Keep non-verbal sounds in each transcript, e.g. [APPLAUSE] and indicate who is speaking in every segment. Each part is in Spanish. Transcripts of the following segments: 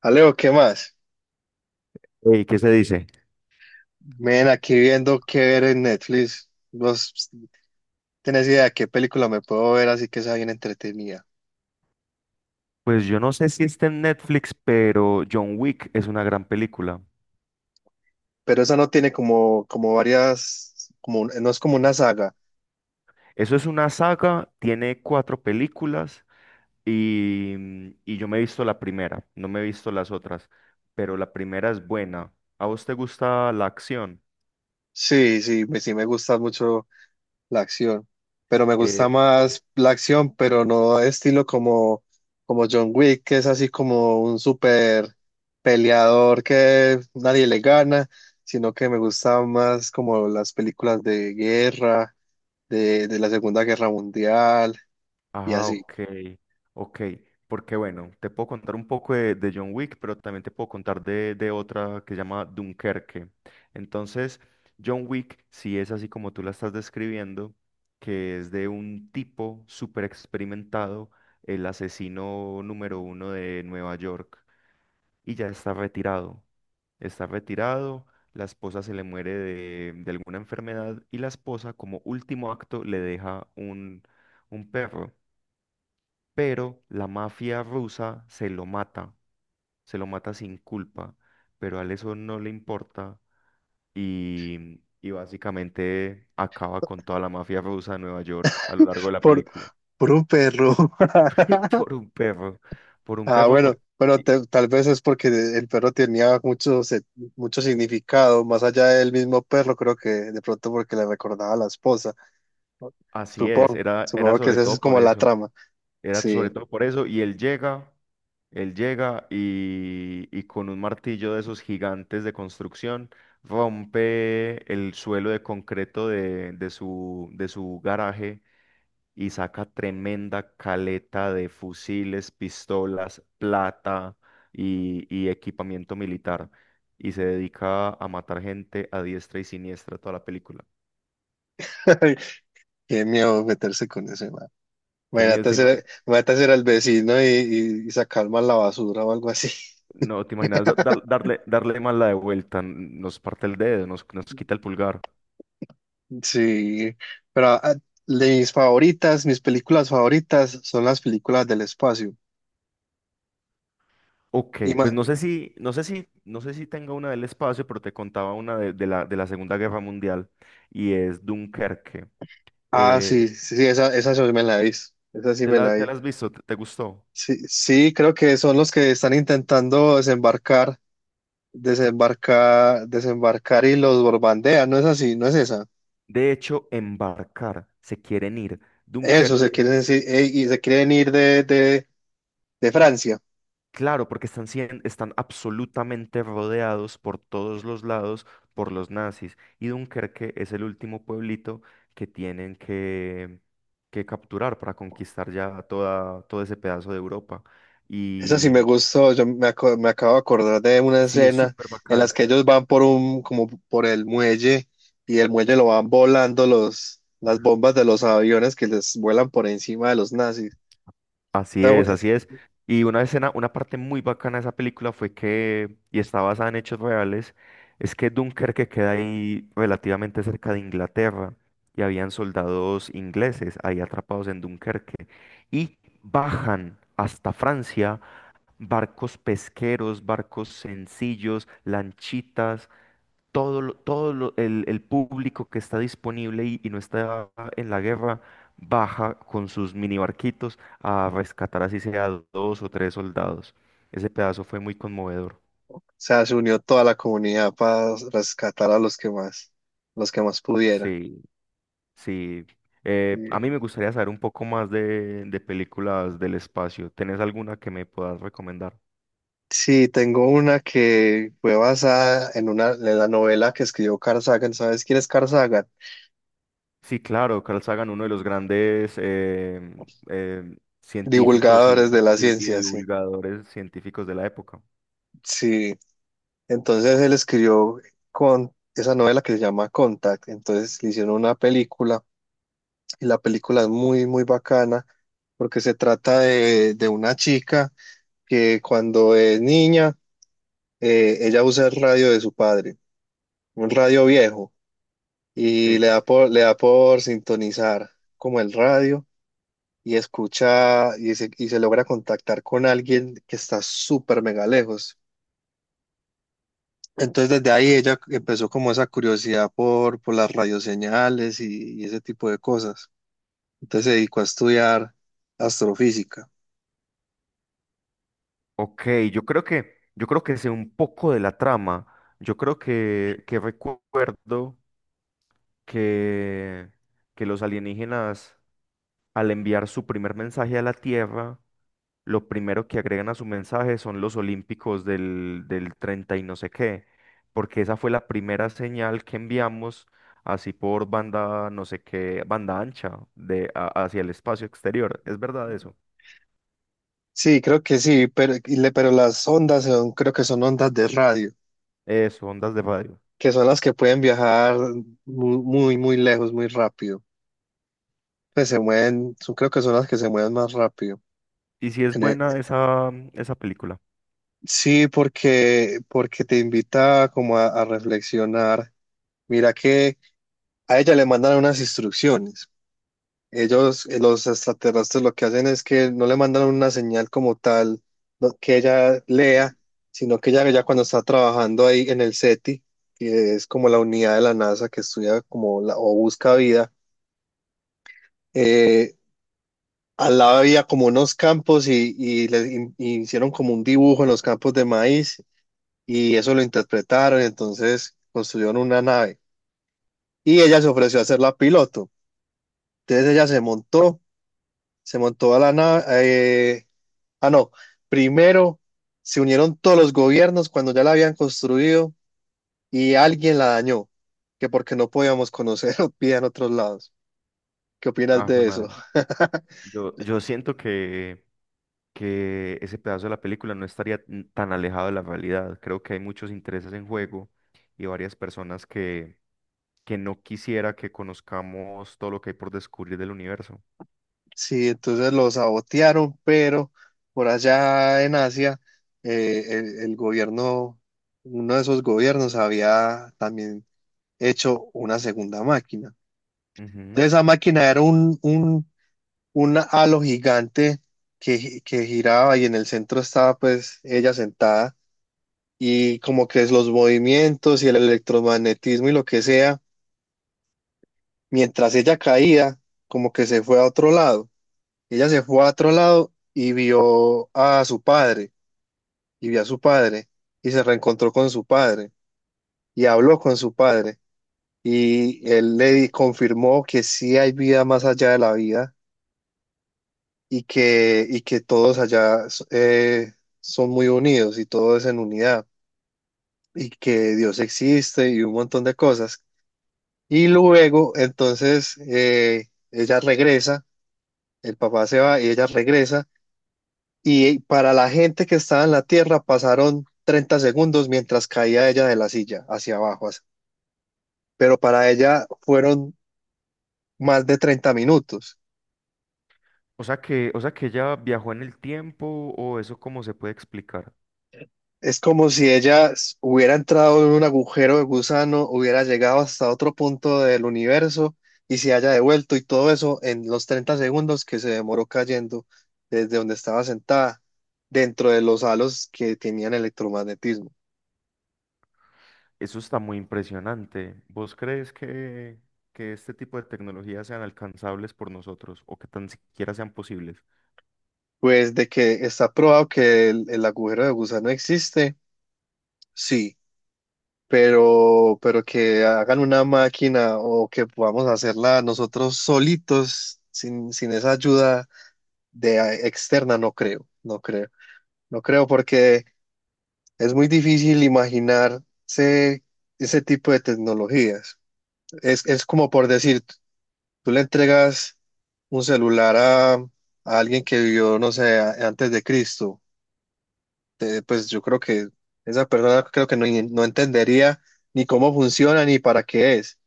Speaker 1: Alejo, ¿qué más?
Speaker 2: Ey, ¿qué se dice?
Speaker 1: Ven aquí viendo qué ver en Netflix. ¿Vos tenés idea de qué película me puedo ver así que sea bien entretenida?
Speaker 2: Pues yo no sé si está en Netflix, pero John Wick es una gran película.
Speaker 1: Pero esa no tiene como, como varias, como, no es como una saga.
Speaker 2: Eso es una saga, tiene cuatro películas y yo me he visto la primera, no me he visto las otras, pero la primera es buena. ¿A vos te gusta la acción?
Speaker 1: Sí, sí me gusta mucho la acción, pero me gusta
Speaker 2: Eh,
Speaker 1: más la acción, pero no estilo como, como John Wick, que es así como un super peleador que nadie le gana, sino que me gusta más como las películas de guerra de la Segunda Guerra Mundial y
Speaker 2: Ah,
Speaker 1: así,
Speaker 2: ok, ok. Porque bueno, te puedo contar un poco de John Wick, pero también te puedo contar de otra que se llama Dunkerque. Entonces, John Wick, si es así como tú la estás describiendo, que es de un tipo súper experimentado, el asesino número uno de Nueva York, y ya está retirado. Está retirado, la esposa se le muere de alguna enfermedad y la esposa, como último acto, le deja un perro, pero la mafia rusa se lo mata sin culpa, pero a él eso no le importa y básicamente acaba con toda la mafia rusa de Nueva York a lo largo de la
Speaker 1: por,
Speaker 2: película.
Speaker 1: por un perro.
Speaker 2: [LAUGHS] Por
Speaker 1: [LAUGHS]
Speaker 2: un perro, por un
Speaker 1: Ah,
Speaker 2: perro,
Speaker 1: bueno,
Speaker 2: por...
Speaker 1: bueno,
Speaker 2: y-
Speaker 1: tal vez es porque el perro tenía mucho, mucho significado, más allá del mismo perro, creo que de pronto porque le recordaba a la esposa, ¿no?
Speaker 2: así es, era
Speaker 1: Supongo que
Speaker 2: sobre
Speaker 1: esa es
Speaker 2: todo por
Speaker 1: como la
Speaker 2: eso,
Speaker 1: trama,
Speaker 2: era
Speaker 1: sí,
Speaker 2: sobre todo por eso y él llega. Él llega y con un martillo de esos gigantes de construcción rompe el suelo de concreto de su garaje y saca tremenda caleta de fusiles, pistolas, plata y equipamiento militar. Y se dedica a matar gente a diestra y siniestra toda la película.
Speaker 1: [LAUGHS] qué miedo meterse con ese man.
Speaker 2: Qué miedo,
Speaker 1: Imagínate ser el vecino y, y sacar mal la basura o algo así.
Speaker 2: no te imaginas darle más la de vuelta, nos parte el dedo, nos quita el pulgar.
Speaker 1: Sí, pero ah, de mis favoritas, mis películas favoritas son las películas del espacio.
Speaker 2: Ok,
Speaker 1: Y ma-
Speaker 2: pues no sé si, no sé si, no sé si tenga una del espacio, pero te contaba una de la Segunda Guerra Mundial y es Dunkerque.
Speaker 1: ah,
Speaker 2: Eh,
Speaker 1: sí, esa sí me la hice. Esa sí
Speaker 2: ¿te
Speaker 1: me
Speaker 2: la,
Speaker 1: la
Speaker 2: te la
Speaker 1: hice.
Speaker 2: has visto? ¿Te gustó?
Speaker 1: Sí, sí, creo que son los que están intentando desembarcar, desembarcar y los borbandean, no es así, no es esa.
Speaker 2: De hecho, embarcar, se quieren ir.
Speaker 1: Eso, se
Speaker 2: Dunkerque,
Speaker 1: quieren decir, y se quieren ir de Francia.
Speaker 2: claro, porque están, están absolutamente rodeados por todos los lados por los nazis y Dunkerque es el último pueblito que tienen que capturar para conquistar ya todo ese pedazo de Europa.
Speaker 1: Eso sí me gustó, me acabo de acordar de una
Speaker 2: Sí, es
Speaker 1: escena
Speaker 2: súper
Speaker 1: en
Speaker 2: bacana.
Speaker 1: las que ellos van por un, como por el muelle y el muelle lo van volando las bombas de los aviones que les vuelan por encima de los nazis.
Speaker 2: Así
Speaker 1: Ah,
Speaker 2: es,
Speaker 1: güey, o
Speaker 2: así es. Y una escena, una parte muy bacana de esa película fue que, y está basada en hechos reales, es que Dunkerque queda ahí relativamente cerca de Inglaterra y habían soldados ingleses ahí atrapados en Dunkerque y bajan hasta Francia, barcos pesqueros, barcos sencillos, lanchitas, todo, el público que está disponible y no está en la guerra, baja con sus mini barquitos a rescatar así sea dos o tres soldados. Ese pedazo fue muy conmovedor.
Speaker 1: sea, se unió toda la comunidad para rescatar a los que más pudieran.
Speaker 2: Sí, sí. A mí
Speaker 1: Y-
Speaker 2: me gustaría saber un poco más de películas del espacio. ¿Tenés alguna que me puedas recomendar?
Speaker 1: Sí, tengo una que fue basada en una, en la novela que escribió Carl Sagan. ¿Sabes quién es Carl Sagan?
Speaker 2: Sí, claro, Carl Sagan, uno de los grandes científicos
Speaker 1: Divulgadores
Speaker 2: y,
Speaker 1: de la
Speaker 2: y y
Speaker 1: ciencia, sí.
Speaker 2: divulgadores científicos de la época.
Speaker 1: Sí. Entonces él escribió con esa novela que se llama Contact. Entonces le hicieron una película y la película es muy, muy bacana porque se trata de una chica que cuando es niña, ella usa el radio de su padre, un radio viejo, y
Speaker 2: Sí.
Speaker 1: le da por sintonizar como el radio y escucha y se logra contactar con alguien que está súper mega lejos. Entonces desde ahí ella empezó como esa curiosidad por las radioseñales y ese tipo de cosas. Entonces se dedicó a estudiar astrofísica.
Speaker 2: Ok, yo creo que sé un poco de la trama. Yo creo que recuerdo que, que los alienígenas, al enviar su primer mensaje a la Tierra, lo primero que agregan a su mensaje son los olímpicos del 30 y no sé qué, porque esa fue la primera señal que enviamos así por banda, no sé qué, banda ancha hacia el espacio exterior. ¿Es verdad eso?
Speaker 1: Sí, creo que sí, pero, pero las ondas son, creo que son ondas de radio,
Speaker 2: Eso, ondas de radio.
Speaker 1: que son las que pueden viajar muy, muy lejos, muy rápido. Pues se mueven, creo que son las que se mueven más rápido.
Speaker 2: ¿Y si es
Speaker 1: En e-
Speaker 2: buena esa, esa película?
Speaker 1: Sí, porque, porque te invita como a reflexionar. Mira que a ella le mandan unas instrucciones. Ellos, los extraterrestres, lo que hacen es que no le mandan una señal como tal, que ella lea, sino que ella ya cuando está trabajando ahí en el SETI, que es como la unidad de la NASA que estudia como la, o busca vida, eh, al lado había como unos campos y, y hicieron como un dibujo en los campos de maíz y eso lo interpretaron, entonces construyeron una nave y ella se ofreció a ser la piloto. Entonces ella se montó a la nave. eh, Ah, no. Primero se unieron todos los gobiernos cuando ya la habían construido y alguien la dañó, que porque no podíamos conocer [LAUGHS] vida en otros lados. ¿Qué opinas
Speaker 2: Ah, jue
Speaker 1: de eso?
Speaker 2: madre.
Speaker 1: [LAUGHS]
Speaker 2: Yo siento que ese pedazo de la película no estaría tan alejado de la realidad. Creo que hay muchos intereses en juego y varias personas que no quisiera que conozcamos todo lo que hay por descubrir del universo.
Speaker 1: Sí, entonces lo sabotearon, pero por allá en Asia, el gobierno, uno de esos gobiernos había también hecho una segunda máquina.
Speaker 2: Ujú.
Speaker 1: Entonces, esa máquina era un halo gigante que, que giraba y en el centro estaba pues ella sentada y como que es los movimientos y el electromagnetismo y lo que sea, mientras ella caía, como que se fue a otro lado. Ella se fue a otro lado y vio a su padre y vio a su padre y se reencontró con su padre y habló con su padre y confirmó que sí hay vida más allá de la vida y que todos allá eh, son muy unidos y todo es en unidad y que Dios existe y un montón de cosas. Y luego, entonces, ella regresa, el papá se va y ella regresa y para la gente que estaba en la tierra pasaron 30 segundos mientras caía ella de la silla hacia abajo, así. Pero para ella fueron más de 30 minutos.
Speaker 2: O sea que ella viajó en el tiempo, o eso cómo se puede explicar.
Speaker 1: Es como si ella hubiera entrado en un agujero de gusano, hubiera llegado hasta otro punto del universo y se haya devuelto y todo eso en los 30 segundos que se demoró cayendo desde donde estaba sentada dentro de los halos que tenían electromagnetismo.
Speaker 2: Eso está muy impresionante. ¿Vos crees que este tipo de tecnologías sean alcanzables por nosotros o que tan siquiera sean posibles?
Speaker 1: Pues de que está probado que el agujero de gusano existe, sí, pero que hagan una máquina o que podamos hacerla nosotros solitos sin, sin esa ayuda externa no creo, no creo, no creo porque es muy difícil imaginarse ese tipo de tecnologías. Es como por decir, tú le entregas un celular a alguien que vivió, no sé, antes de Cristo, pues yo creo que esa persona creo que no, no entendería ni cómo funciona ni para qué es.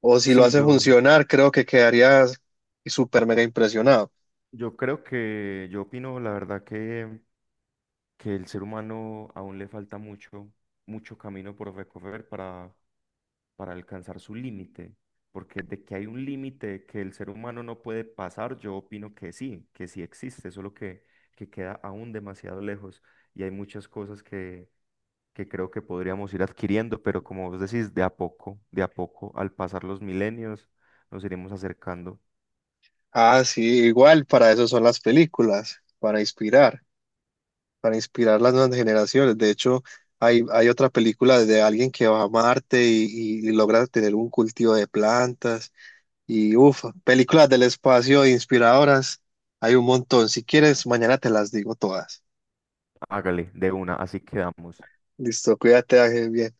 Speaker 1: O si lo
Speaker 2: Sí,
Speaker 1: hace
Speaker 2: yo.
Speaker 1: funcionar, creo que quedaría súper mega impresionado.
Speaker 2: Yo opino la verdad que el ser humano aún le falta mucho, mucho camino por recorrer para alcanzar su límite, porque de que hay un límite que el ser humano no puede pasar, yo opino que sí existe, solo que queda aún demasiado lejos y hay muchas cosas que creo que podríamos ir adquiriendo, pero como vos decís, de a poco, al pasar los milenios, nos iremos acercando.
Speaker 1: Ah, sí, igual para eso son las películas, para inspirar, para inspirar las nuevas generaciones. De hecho, hay otra película de alguien que va a Marte y, y logra tener un cultivo de plantas y uff, películas del espacio inspiradoras. Hay un montón. Si quieres, mañana te las digo todas.
Speaker 2: Hágale, de una, así quedamos.
Speaker 1: Listo, cuídate, Ángel, bien.